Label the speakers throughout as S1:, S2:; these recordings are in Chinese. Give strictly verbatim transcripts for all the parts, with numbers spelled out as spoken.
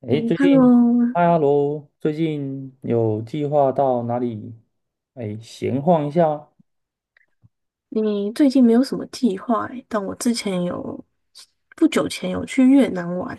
S1: 哎，
S2: 嗯
S1: 最
S2: h
S1: 近，嗨，
S2: e
S1: 哈喽，最近有计划到哪里？哎，闲晃一下。
S2: 你最近没有什么计划欸，但我之前有，不久前有去越南玩。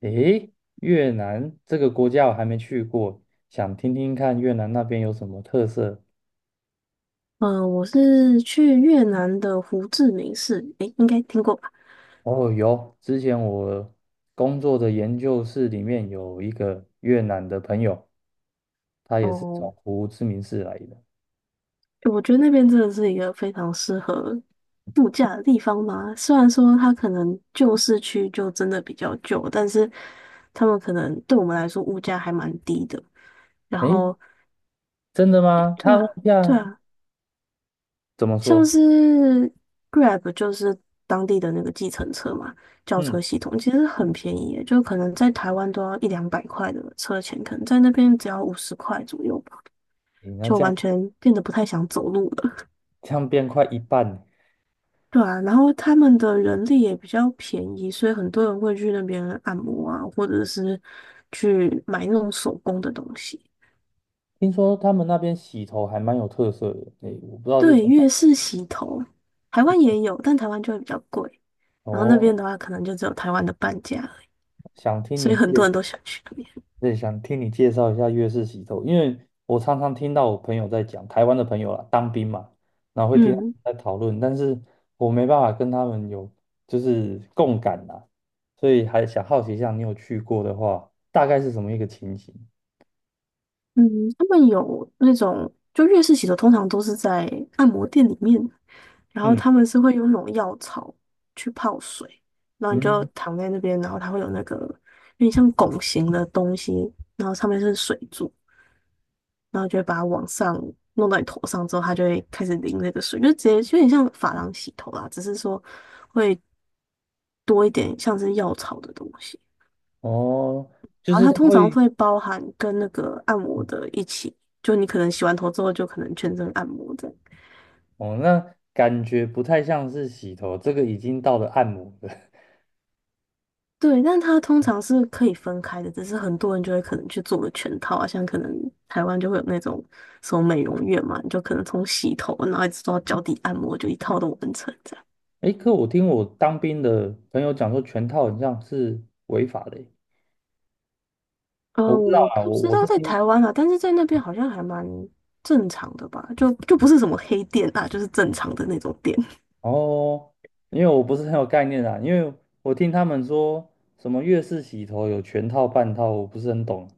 S1: 哎，越南这个国家我还没去过，想听听看越南那边有什么特色。
S2: 嗯，我是去越南的胡志明市，诶，应该听过吧？
S1: 哦，有，之前我工作的研究室里面有一个越南的朋友，他也是
S2: 哦，
S1: 从胡志明市来的。
S2: 我觉得那边真的是一个非常适合度假的地方嘛。虽然说它可能旧市区就真的比较旧，但是他们可能对我们来说物价还蛮低的。然
S1: 哎，
S2: 后，
S1: 真的吗？他
S2: 对
S1: 问
S2: 啊。
S1: 一
S2: 对啊，
S1: 怎么
S2: 像
S1: 说？
S2: 是 Grab 就是当地的那个计程车嘛，轿
S1: 嗯，
S2: 车系统其实很便宜耶，就可能在台湾都要一两百块的车钱，可能在那边只要五十块左右吧，
S1: 诶，那
S2: 就
S1: 这样，
S2: 完全变得不太想走路了。
S1: 这样变快一半呢？
S2: 对啊，然后他们的人力也比较便宜，所以很多人会去那边按摩啊，或者是去买那种手工的东西。
S1: 听说他们那边洗头还蛮有特色的，诶，我不知道是
S2: 对，
S1: 真
S2: 越
S1: 的。
S2: 式洗头，台湾也有，但台湾就会比较贵。然后那
S1: 哦。
S2: 边的话，可能就只有台湾的半价。
S1: 想听
S2: 所
S1: 你
S2: 以很多
S1: 介，
S2: 人都想去那边。
S1: 对，想听你介绍一下粤式洗头，因为我常常听到我朋友在讲，台湾的朋友啦，当兵嘛，然后会听他们
S2: 嗯
S1: 在讨论，但是我没办法跟他们有，就是共感啦，所以还想好奇一下，你有去过的话，大概是什么一个情形？
S2: 嗯，他们有那种，就粤式洗头通常都是在按摩店里面，然后
S1: 嗯
S2: 他们是会用那种药草去泡水，然后你就
S1: 嗯。
S2: 躺在那边，然后它会有那个有点像拱形的东西，然后上面是水柱，然后就会把它往上弄到你头上之后，它就会开始淋那个水，就直接有点像发廊洗头啦，只是说会多一点像是药草的东西。
S1: 哦，就
S2: 然后
S1: 是
S2: 它
S1: 他
S2: 通常
S1: 会，
S2: 会包含跟那个按摩的一起，就你可能洗完头之后就可能全身按摩这样。
S1: 哦，那感觉不太像是洗头，这个已经到了按摩了。
S2: 对，但它通常是可以分开的，只是很多人就会可能去做个全套啊，像可能台湾就会有那种什么美容院嘛，你就可能从洗头然后一直做到脚底按摩，就一套都完成这样。
S1: 诶，可我听我当兵的朋友讲说，全套很像是违法的诶。我
S2: 呃，
S1: 不知道
S2: 我
S1: 啊，
S2: 不
S1: 我
S2: 知
S1: 我
S2: 道
S1: 是
S2: 在
S1: 听。
S2: 台湾啊，但是在那边好像还蛮正常的吧，就就不是什么黑店啊，就是正常的那种店。
S1: 哦，因为我不是很有概念啊，因为我听他们说什么月式洗头有全套半套，我不是很懂。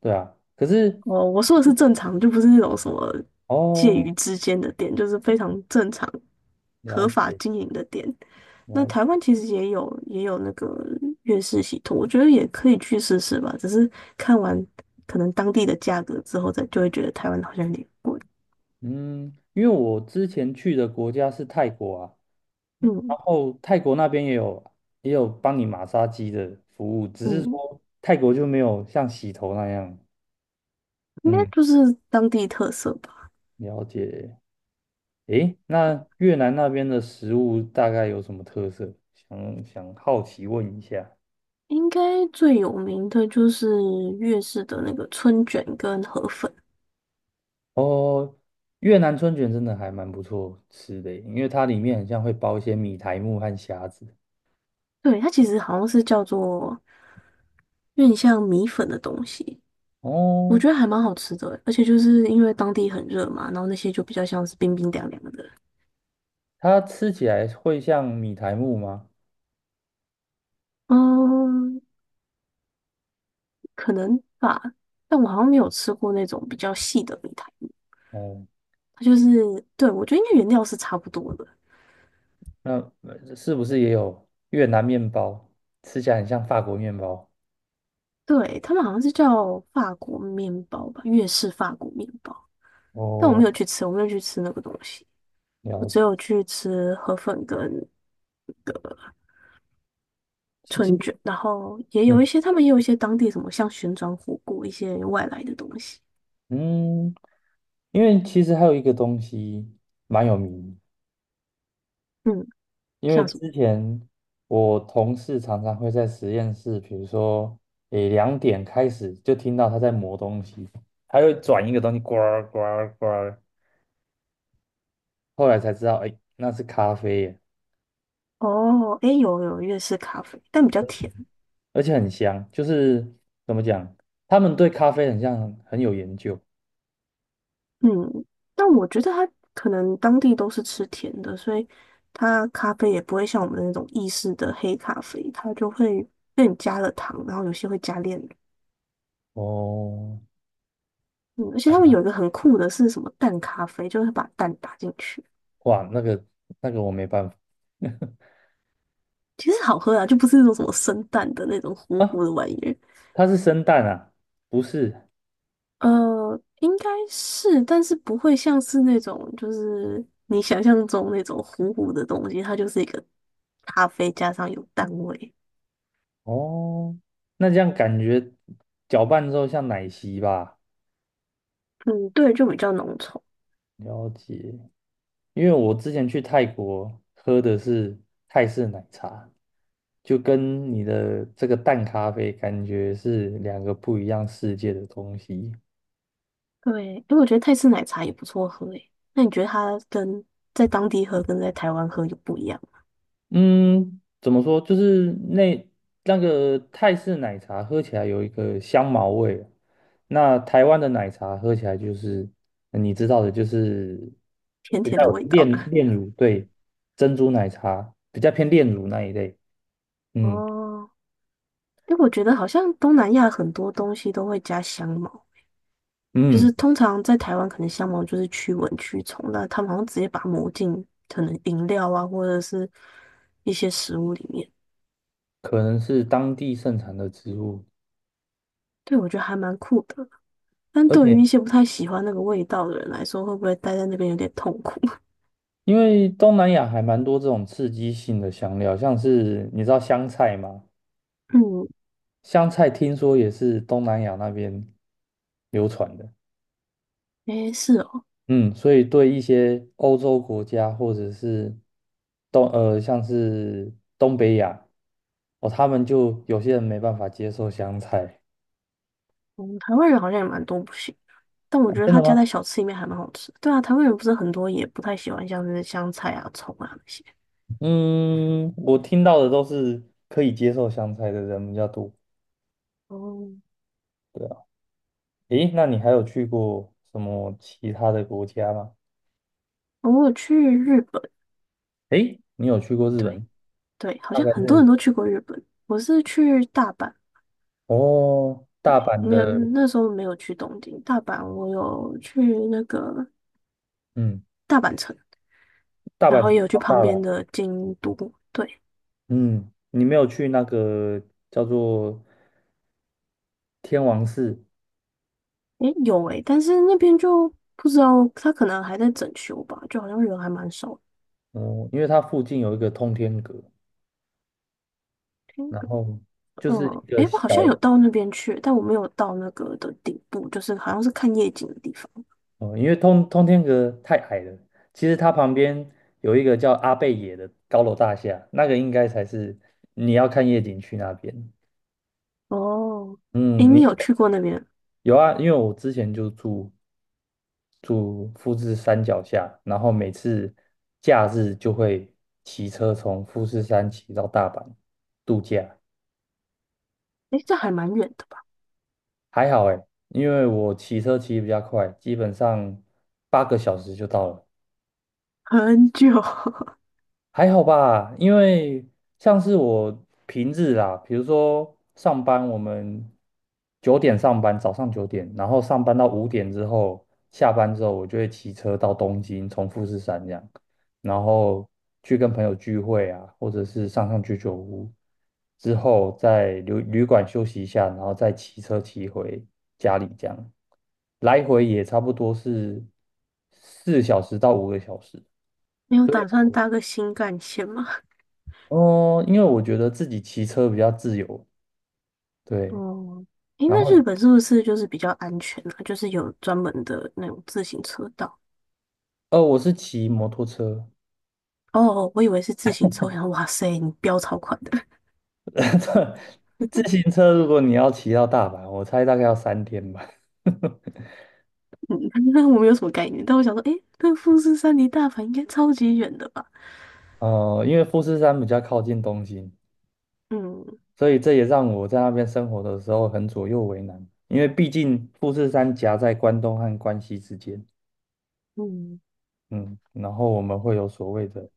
S1: 对啊，可是。
S2: 哦，我说的是正常，就不是那种什么介
S1: 哦，
S2: 于之间的店，就是非常正常、
S1: 了
S2: 合法
S1: 解。
S2: 经营的店。那
S1: 了解。
S2: 台湾其实也有也有那个粤式洗头，我觉得也可以去试试吧。只是看完可能当地的价格之后，再就会觉得台湾好像有点贵。
S1: 嗯，因为我之前去的国家是泰国啊，
S2: 嗯
S1: 然后泰国那边也有，也有帮你马杀鸡的服务，只是
S2: 嗯，
S1: 说泰国就没有像洗头那样，
S2: 应该
S1: 嗯，
S2: 就是当地特色吧。
S1: 了解。诶，那越南那边的食物大概有什么特色？想想好奇问一下。
S2: 应该最有名的就是粤式的那个春卷跟河粉，
S1: 哦，越南春卷真的还蛮不错吃的耶，因为它里面很像会包一些米苔木和虾子。
S2: 对，它其实好像是叫做有点像米粉的东西。我
S1: 哦，
S2: 觉得还蛮好吃的欸，而且就是因为当地很热嘛，然后那些就比较像是冰冰凉凉的。
S1: 它吃起来会像米苔木吗？
S2: 嗯，可能吧。但我好像没有吃过那种比较细的米苔目，
S1: 哦，
S2: 它就是，对，我觉得应该原料是差不多的。
S1: 那呃是不是也有越南面包？吃起来很像法国面包。
S2: 对，他们好像是叫法国面包吧，粤式法国面包。但我没
S1: 哦，
S2: 有去吃，我没有去吃那个东西，我
S1: 了
S2: 只
S1: 解。
S2: 有去吃河粉跟那个
S1: 其
S2: 春
S1: 实。
S2: 卷，然后也有
S1: 嗯
S2: 一些他们也有一些当地什么像旋转火锅一些外来的东西。
S1: 嗯，因为其实还有一个东西蛮有名的，
S2: 嗯。
S1: 因为
S2: 像什么。
S1: 之前我同事常常会在实验室，比如说，诶，两点开始就听到他在磨东西，他会转一个东西，呱儿呱儿呱儿，后来才知道，诶，那是咖啡耶，
S2: 哦，诶，有有粤式咖啡，但比较甜。
S1: 而且很香，就是怎么讲，他们对咖啡很像很有研究。
S2: 嗯，但我觉得它可能当地都是吃甜的，所以它咖啡也不会像我们那种意式的黑咖啡，它就会更加了糖，然后有些会加炼乳。
S1: 哦，
S2: 嗯，而且
S1: 还
S2: 他们
S1: 蛮
S2: 有一个很酷的是什么蛋咖啡，就是把蛋打进去，
S1: 哇，那个那个我没办法。
S2: 其实好喝啊，就不是那种什么生蛋的那种糊
S1: 啊，
S2: 糊的玩意儿。
S1: 它是生蛋啊，不是。
S2: 呃，应该是，但是不会像是那种，就是你想象中那种糊糊的东西，它就是一个咖啡加上有蛋味。
S1: 哦，那这样感觉搅拌之后像奶昔吧。
S2: 嗯，对，就比较浓稠。
S1: 了解，因为我之前去泰国喝的是泰式奶茶，就跟你的这个淡咖啡感觉是两个不一样世界的东西。
S2: 对，因为我觉得泰式奶茶也不错喝诶。那你觉得它跟在当地喝跟在台湾喝有不一样吗？
S1: 嗯，怎么说？就是那那个泰式奶茶喝起来有一个香茅味，那台湾的奶茶喝起来就是你知道的，就是
S2: 甜
S1: 比
S2: 甜
S1: 较
S2: 的
S1: 有
S2: 味
S1: 炼
S2: 道。
S1: 炼 乳，对，珍珠奶茶比较偏炼乳那一类。嗯
S2: 哦，因为我觉得好像东南亚很多东西都会加香茅，就是
S1: 嗯。
S2: 通常在台湾可能香茅就是驱蚊驱虫，那他们好像直接把它抹进可能饮料啊或者是一些食物里面，
S1: 可能是当地盛产的植物，
S2: 对，我觉得还蛮酷的。但
S1: 而
S2: 对于
S1: 且
S2: 一些不太喜欢那个味道的人来说，会不会待在那边有点痛苦？
S1: 因为东南亚还蛮多这种刺激性的香料，像是你知道香菜吗？
S2: 嗯，
S1: 香菜听说也是东南亚那边流传的，
S2: 诶，是哦，
S1: 嗯，所以对一些欧洲国家或者是东呃像是东北亚，哦，他们就有些人没办法接受香菜。
S2: 嗯，台湾人好像也蛮多不行，但我觉得
S1: 真
S2: 他
S1: 的
S2: 加
S1: 吗？
S2: 在小吃里面还蛮好吃。对啊，台湾人不是很多也不太喜欢像是香菜啊、葱啊那些。
S1: 嗯，我听到的都是可以接受香菜的人比较多。
S2: 哦，
S1: 对啊。诶，那你还有去过什么其他的国家吗？
S2: 我有去日本。
S1: 诶，你有去过日
S2: 对
S1: 本？
S2: 对，好
S1: 大
S2: 像
S1: 概
S2: 很多
S1: 是。
S2: 人都去过日本。我是去大阪，
S1: 哦，大
S2: 对，
S1: 阪
S2: 没有，
S1: 的。
S2: 那时候没有去东京，大阪我有去那个
S1: 嗯，
S2: 大阪城，
S1: 大
S2: 然
S1: 阪
S2: 后
S1: 是
S2: 也有去
S1: 超
S2: 旁
S1: 大
S2: 边
S1: 了。
S2: 的京都。对，
S1: 嗯，你没有去那个叫做天王寺？
S2: 诶，有诶，但是那边就不知道，他可能还在整修吧，就好像人还蛮少的。
S1: 嗯，因为它附近有一个通天阁，
S2: 听
S1: 然
S2: 个
S1: 后就是
S2: 嗯，
S1: 一个
S2: 诶，我好像有
S1: 小。
S2: 到那边去，但我没有到那个的顶部，就是好像是看夜景的地方。
S1: 嗯，因为通通天阁太矮了，其实它旁边有一个叫阿贝野的高楼大厦，那个应该才是你要看夜景去那边。
S2: 哦，诶，
S1: 嗯，
S2: 你
S1: 你
S2: 有去过那边？
S1: 有啊，因为我之前就住住富士山脚下，然后每次假日就会骑车从富士山骑到大阪度假。
S2: 诶，这还蛮远的吧？
S1: 还好诶，因为我骑车骑得比较快，基本上八个小时就到了。
S2: 很久。
S1: 还好吧，因为像是我平日啦，比如说上班，我们九点上班，早上九点，然后上班到五点之后，下班之后，我就会骑车到东京，从富士山这样，然后去跟朋友聚会啊，或者是上上居酒屋，之后在旅旅馆休息一下，然后再骑车骑回家里这样，来回也差不多是四小时到五个小时。
S2: 你有
S1: 所以。
S2: 打算搭个新干线吗？
S1: 哦，因为我觉得自己骑车比较自由，对。
S2: 哦，诶，
S1: 然
S2: 那日
S1: 后，
S2: 本是不是就是比较安全啊？就是有专门的那种自行车道。
S1: 呃，我是骑摩托车。
S2: 哦，哦，我以为是自行车，我想说哇塞，你飙超快的。
S1: 自行车如果你要骑到大阪，我猜大概要三天吧。
S2: 那我没有什么概念。但我想说，诶，那富士山离大阪应该超级远的吧？
S1: 哦，因为富士山比较靠近东京，
S2: 嗯
S1: 所以这也让我在那边生活的时候很左右为难。因为毕竟富士山夹在关东和关西之间，
S2: 嗯，
S1: 嗯，然后我们会有所谓的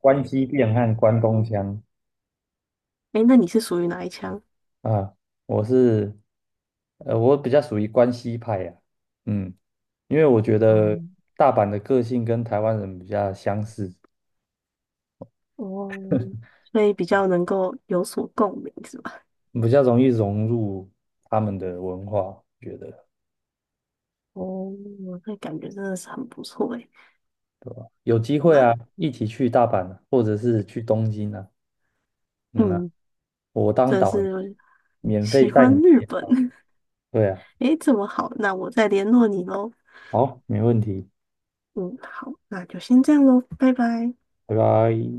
S1: 关西变和关东腔。
S2: 诶，那你是属于哪一枪？
S1: 啊，我是，呃，我比较属于关西派呀、嗯，因为我觉
S2: 哦
S1: 得大阪的个性跟台湾人比较相似，
S2: 哦，所以比较能够有所共鸣是吧？
S1: 比较容易融入他们的文化，觉得
S2: 哦，那感觉真的是很不错诶。
S1: 有机
S2: 好
S1: 会啊，
S2: 吧，
S1: 一起去大阪啊，或者是去东京啊，嗯啊，
S2: 嗯，
S1: 我当
S2: 真的
S1: 导游，
S2: 是
S1: 免
S2: 喜
S1: 费带
S2: 欢
S1: 你
S2: 日
S1: 介
S2: 本。
S1: 绍。 对啊，
S2: 诶，这么好，那我再联络你喽。
S1: 好，没问题，
S2: 嗯，好，那就先这样喽，拜拜。
S1: 拜拜。